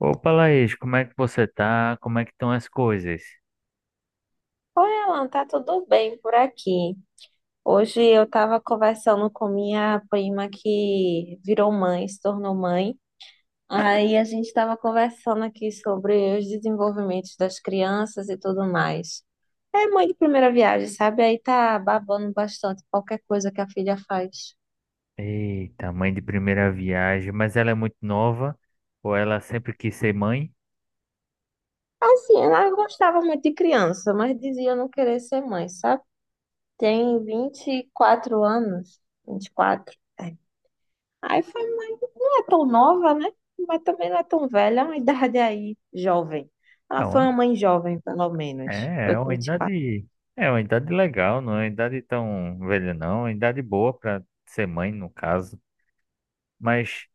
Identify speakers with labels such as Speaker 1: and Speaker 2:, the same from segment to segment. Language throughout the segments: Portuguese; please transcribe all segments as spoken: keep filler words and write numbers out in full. Speaker 1: Opa, Laís, como é que você tá? Como é que estão as coisas?
Speaker 2: Oi, Alan, tá tudo bem por aqui? Hoje eu estava conversando com minha prima que virou mãe, se tornou mãe. Aí a gente estava conversando aqui sobre os desenvolvimentos das crianças e tudo mais. É mãe de primeira viagem, sabe? Aí tá babando bastante qualquer coisa que a filha faz.
Speaker 1: Eita, mãe de primeira viagem, mas ela é muito nova ou ela sempre quis ser mãe?
Speaker 2: Assim, ela gostava muito de criança, mas dizia não querer ser mãe, sabe? Tem vinte e quatro anos, vinte e quatro. É. Aí foi É tão nova, né? Mas também não é tão velha, é uma idade, é aí, jovem.
Speaker 1: É
Speaker 2: Ela
Speaker 1: uma-
Speaker 2: foi uma mãe jovem, pelo menos.
Speaker 1: é
Speaker 2: Foi
Speaker 1: é
Speaker 2: com
Speaker 1: uma
Speaker 2: vinte e quatro.
Speaker 1: idade, é uma idade legal, não é uma idade tão velha não, é uma idade boa para ser mãe no caso. Mas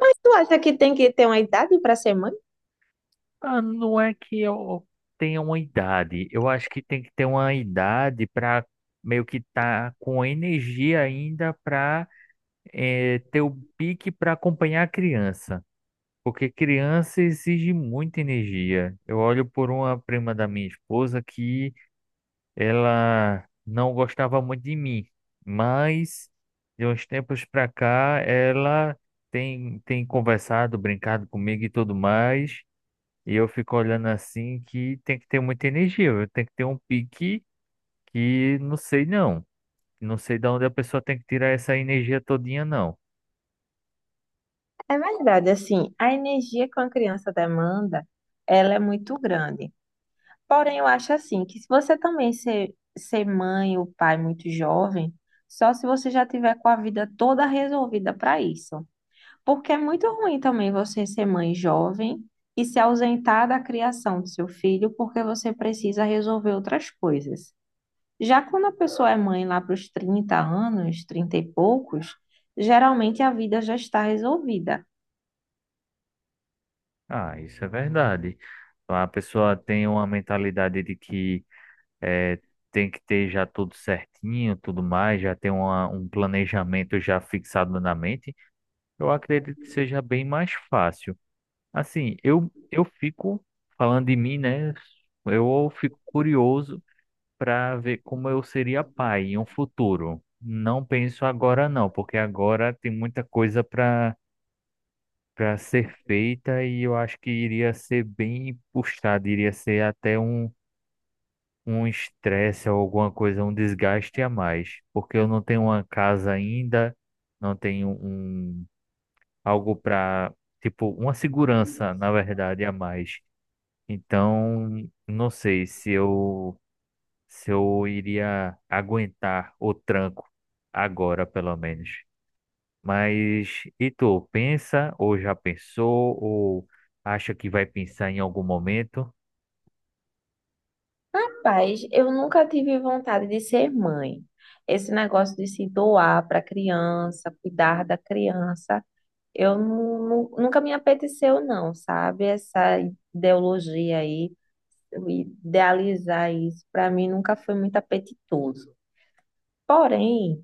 Speaker 2: Mas tu acha que tem que ter uma idade para ser mãe?
Speaker 1: ah, não é que eu tenha uma idade, eu acho que tem que ter uma idade para meio que tá com energia ainda para ter o pique para acompanhar a criança. Porque criança exige muita energia. Eu olho por uma prima da minha esposa que ela não gostava muito de mim, mas de uns tempos pra cá ela tem, tem conversado, brincado comigo e tudo mais. E eu fico olhando assim que tem que ter muita energia, viu? Tem que ter um pique que não sei não. Não sei de onde a pessoa tem que tirar essa energia todinha, não.
Speaker 2: É verdade, assim, a energia que uma criança demanda, ela é muito grande. Porém, eu acho assim, que se você também ser, ser mãe ou pai muito jovem, só se você já tiver com a vida toda resolvida para isso. Porque é muito ruim também você ser mãe jovem e se ausentar da criação do seu filho porque você precisa resolver outras coisas. Já quando a pessoa é mãe lá para os trinta anos, trinta e poucos, geralmente a vida já está resolvida.
Speaker 1: Ah, isso é verdade. A pessoa tem uma mentalidade de que é, tem que ter já tudo certinho, tudo mais, já ter uma, um planejamento já fixado na mente. Eu acredito que seja bem mais fácil. Assim, eu, eu fico falando de mim, né? Eu fico curioso para ver como eu seria pai em um futuro. Não penso agora não, porque agora tem muita coisa para para ser feita e eu acho que iria ser bem puxado, iria ser até um um estresse ou alguma coisa, um desgaste a mais, porque eu não tenho uma casa ainda, não tenho um algo para, tipo, uma segurança, na verdade, a mais. Então, não sei se eu se eu iria aguentar o tranco agora, pelo menos. Mas e tu, pensa ou já pensou ou acha que vai pensar em algum momento?
Speaker 2: Rapaz, eu nunca tive vontade de ser mãe. Esse negócio de se doar para a criança, cuidar da criança, eu nu- nu- nunca me apeteceu, não, sabe? Essa ideologia aí, idealizar isso, para mim nunca foi muito apetitoso. Porém,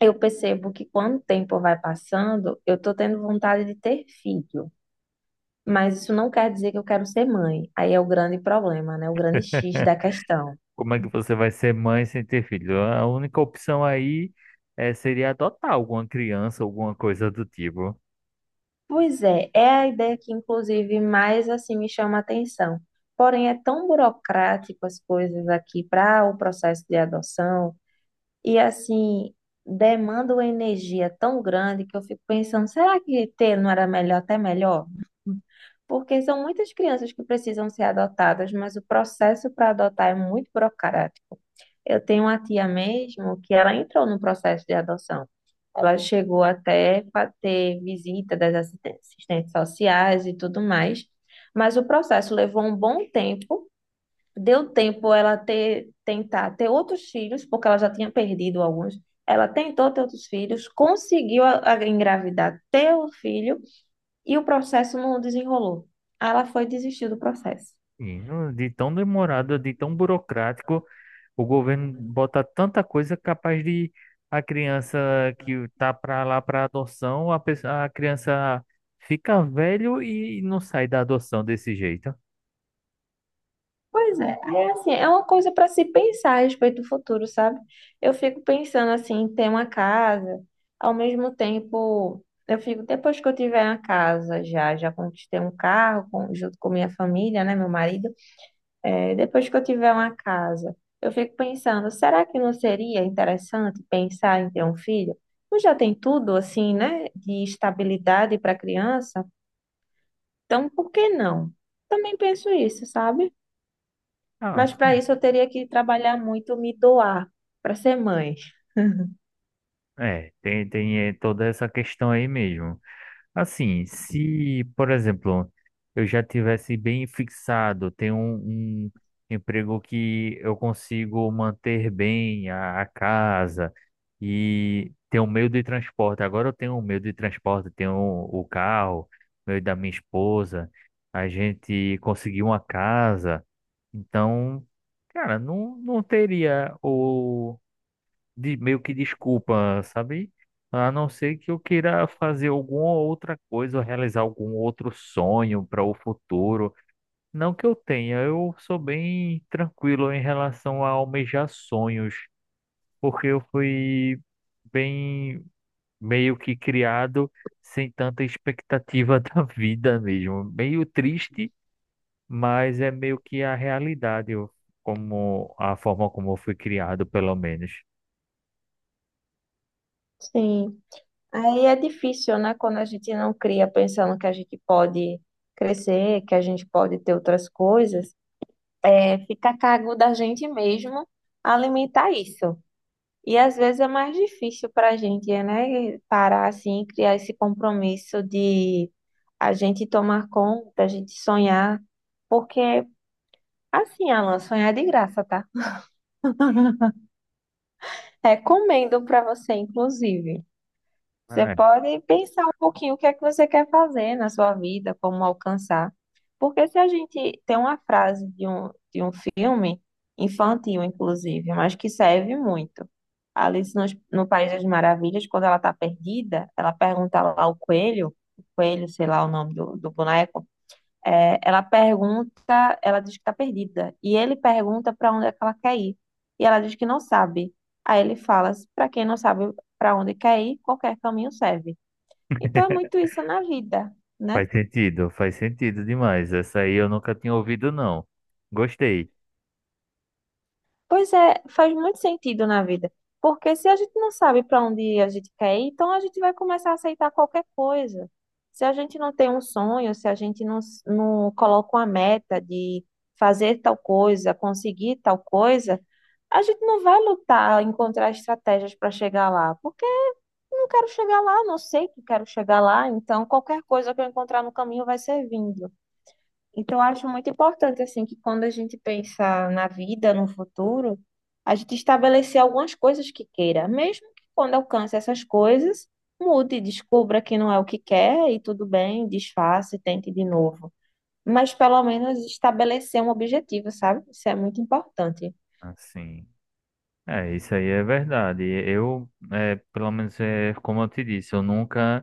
Speaker 2: eu percebo que quando o tempo vai passando, eu tô tendo vontade de ter filho. Mas isso não quer dizer que eu quero ser mãe. Aí é o grande problema, né? O grande X da questão.
Speaker 1: Como é que você vai ser mãe sem ter filho? A única opção aí é, seria adotar alguma criança, alguma coisa do tipo.
Speaker 2: Pois é, é a ideia que, inclusive, mais assim me chama a atenção. Porém, é tão burocrático as coisas aqui para o processo de adoção. E assim, demanda uma energia tão grande que eu fico pensando, será que ter não era melhor, até melhor? Porque são muitas crianças que precisam ser adotadas, mas o processo para adotar é muito burocrático. Eu tenho uma tia mesmo que ela entrou no processo de adoção. Ela chegou até a ter visita das assisten- assistentes sociais e tudo mais, mas o processo levou um bom tempo. Deu tempo ela ter, tentar ter outros filhos, porque ela já tinha perdido alguns. Ela tentou ter outros filhos, conseguiu a- a engravidar, ter o filho, e o processo não desenrolou. Aí ela foi desistir do processo.
Speaker 1: E não- de tão demorado, de tão burocrático, o governo bota tanta coisa capaz de a criança que tá para lá para adoção, a, pessoa, a criança fica velho e não sai da adoção desse jeito.
Speaker 2: Pois é, é assim, é uma coisa para se pensar a respeito do futuro, sabe? Eu fico pensando assim, em ter uma casa, ao mesmo tempo, eu fico, depois que eu tiver uma casa já, já conquistei um carro com- junto com minha família, né, meu marido. É, depois que eu tiver uma casa, eu fico pensando, será que não seria interessante pensar em ter um filho? Tu já tem tudo assim, né, de estabilidade para criança, então por que não? Também penso isso, sabe?
Speaker 1: Ah,
Speaker 2: Mas para
Speaker 1: sim.
Speaker 2: isso eu teria que trabalhar muito, me doar para ser mãe.
Speaker 1: É, tem, tem eh, toda essa questão aí mesmo. Assim, se, por exemplo, eu já tivesse bem fixado, tenho um, um emprego que eu consigo manter bem a, a casa e ter um meio de transporte. Agora eu tenho um meio de transporte, tenho o carro, meio da minha esposa, a gente conseguiu uma casa. Então, cara, não, não teria de meio que desculpa, sabe? A não ser que eu queira fazer alguma outra coisa, ou realizar algum outro sonho para o futuro. Não que eu tenha, eu sou bem tranquilo em relação a almejar sonhos, porque eu fui bem meio que criado sem tanta expectativa da vida mesmo. Meio triste, mas é meio que a realidade, eu- como a forma como eu fui criado, pelo menos.
Speaker 2: Sim, aí é difícil, né, quando a gente não cria pensando que a gente pode crescer, que a gente pode ter outras coisas, é, fica a cargo da gente mesmo alimentar isso. E às vezes é mais difícil para a gente, né? Parar assim, criar esse compromisso de a gente tomar conta, a gente sonhar, porque assim, Alan, sonhar é de graça, tá? Recomendo para você, inclusive. Você pode pensar um pouquinho o que é que você quer fazer na sua vida, como alcançar. Porque se a gente tem uma frase de um, de um filme, infantil inclusive, mas que serve muito. Alice no, no País das Maravilhas, quando ela está perdida, ela pergunta lá ao coelho, o coelho, sei lá o nome do, do boneco, é, ela pergunta, ela diz que está perdida. E ele pergunta para onde é que ela quer ir. E ela diz que não sabe. Aí ele fala: para quem não sabe para onde quer ir, qualquer caminho serve. Então
Speaker 1: É.
Speaker 2: é muito isso na vida, né?
Speaker 1: Faz sentido, faz sentido demais. Essa aí eu nunca tinha ouvido, não. Gostei.
Speaker 2: Pois é, faz muito sentido na vida. Porque se a gente não sabe para onde a gente quer ir, então a gente vai começar a aceitar qualquer coisa. Se a gente não tem um sonho, se a gente não, s- não coloca uma meta de fazer tal coisa, conseguir tal coisa, a gente não vai lutar, encontrar estratégias para chegar lá. Porque não quero chegar lá, não sei que quero chegar lá, então qualquer coisa que eu encontrar no caminho vai servindo. Então, eu acho muito importante, assim, que quando a gente pensa na vida, no futuro, a gente estabelecer algumas coisas que queira, mesmo que quando alcance essas coisas, mude, descubra que não é o que quer e tudo bem, desfaça e tente de novo. Mas pelo menos estabelecer um objetivo, sabe? Isso é muito importante.
Speaker 1: Assim, é, isso aí é verdade. Eu, é, pelo menos, é, como eu te disse, eu nunca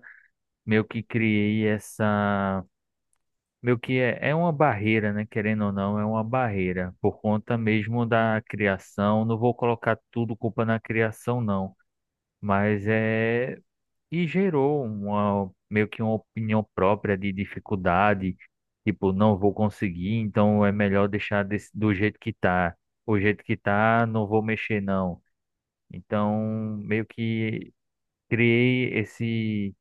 Speaker 1: meio que criei essa. Meio que é, é uma barreira, né? Querendo ou não, é uma barreira. Por conta mesmo da criação. Não vou colocar tudo culpa na criação, não. Mas é e gerou uma meio que uma opinião própria de dificuldade, tipo, não vou conseguir, então é melhor deixar desse- do jeito que tá. O jeito que tá, não vou mexer não. Então, meio que criei esse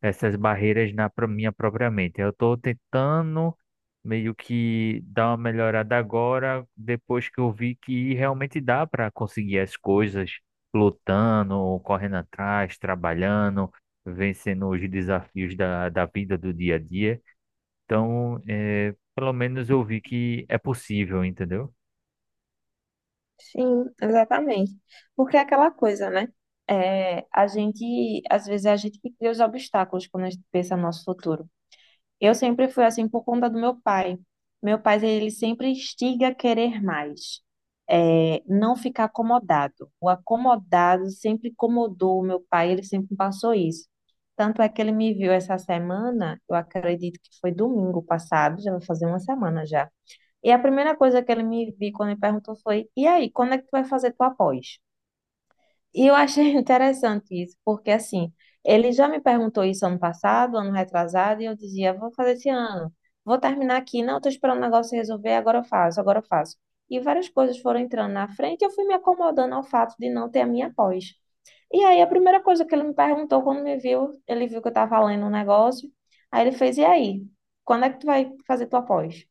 Speaker 1: essas barreiras na pro- minha própria mente. Eu estou tentando meio que dar uma melhorada agora, depois que eu vi que realmente dá para conseguir as coisas lutando, correndo atrás, trabalhando, vencendo os desafios da, da vida do dia a dia. Então, é, pelo menos eu vi que é possível, entendeu?
Speaker 2: Sim, exatamente. Porque é aquela coisa, né? É, a gente, às vezes, é a gente que cria os obstáculos quando a gente pensa no nosso futuro. Eu sempre fui assim por conta do meu pai. Meu pai, ele sempre instiga a querer mais. É, não ficar acomodado. O acomodado sempre incomodou o meu pai, ele sempre passou isso. Tanto é que ele me viu essa semana, eu acredito que foi domingo passado, já vai fazer uma semana já. E a primeira coisa que ele me viu quando ele perguntou foi: e aí, quando é que tu vai fazer tua pós? E eu achei interessante isso, porque assim, ele já me perguntou isso ano passado, ano retrasado, e eu dizia, vou fazer esse ano, vou terminar aqui, não, estou esperando o negócio se resolver, agora eu faço, agora eu faço. E várias coisas foram entrando na frente, e eu fui me acomodando ao fato de não ter a minha pós. E aí, a primeira coisa que ele me perguntou quando me viu, ele viu que eu estava lendo um negócio, aí ele fez, e aí, quando é que tu vai fazer tua pós?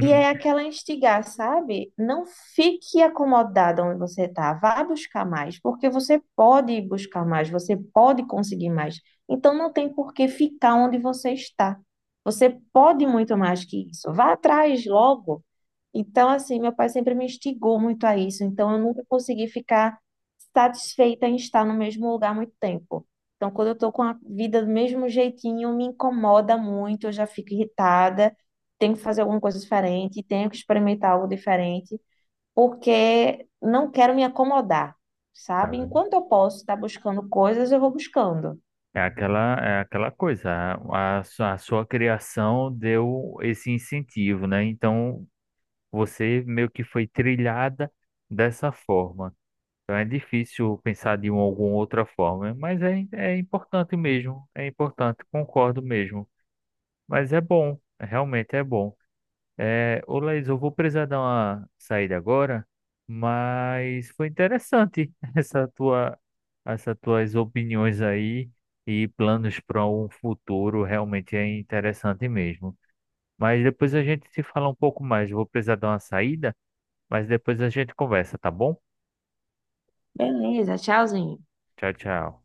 Speaker 2: E é aquela instigar, sabe? Não fique acomodada onde você está. Vá buscar mais, porque você pode buscar mais, você pode conseguir mais. Então não tem por que ficar onde você está. Você pode muito mais que isso. Vá atrás logo. Então, assim, meu pai sempre me instigou muito a isso. Então, eu nunca consegui ficar satisfeita em estar no mesmo lugar há muito tempo. Então, quando eu estou com a vida do mesmo jeitinho, me incomoda muito, eu já fico irritada, tenho que fazer alguma coisa diferente, tenho que experimentar algo diferente, porque não quero me acomodar, sabe?
Speaker 1: Cara,
Speaker 2: Enquanto eu posso estar buscando coisas, eu vou buscando.
Speaker 1: é aquela, é aquela coisa, a, a sua a sua criação deu esse incentivo, né? Então você meio que foi trilhada dessa forma. Então é difícil pensar de uma, alguma outra forma, mas é, é importante mesmo, é importante, concordo mesmo. Mas é bom, realmente é bom. É, ô Laís, eu vou precisar dar uma saída agora, mas foi interessante essa tua, essas tuas opiniões aí e planos para um futuro, realmente é interessante mesmo. Mas depois a gente se fala um pouco mais. Eu vou precisar dar uma saída. Mas depois a gente conversa, tá bom?
Speaker 2: Beleza, tchauzinho.
Speaker 1: Tchau, tchau.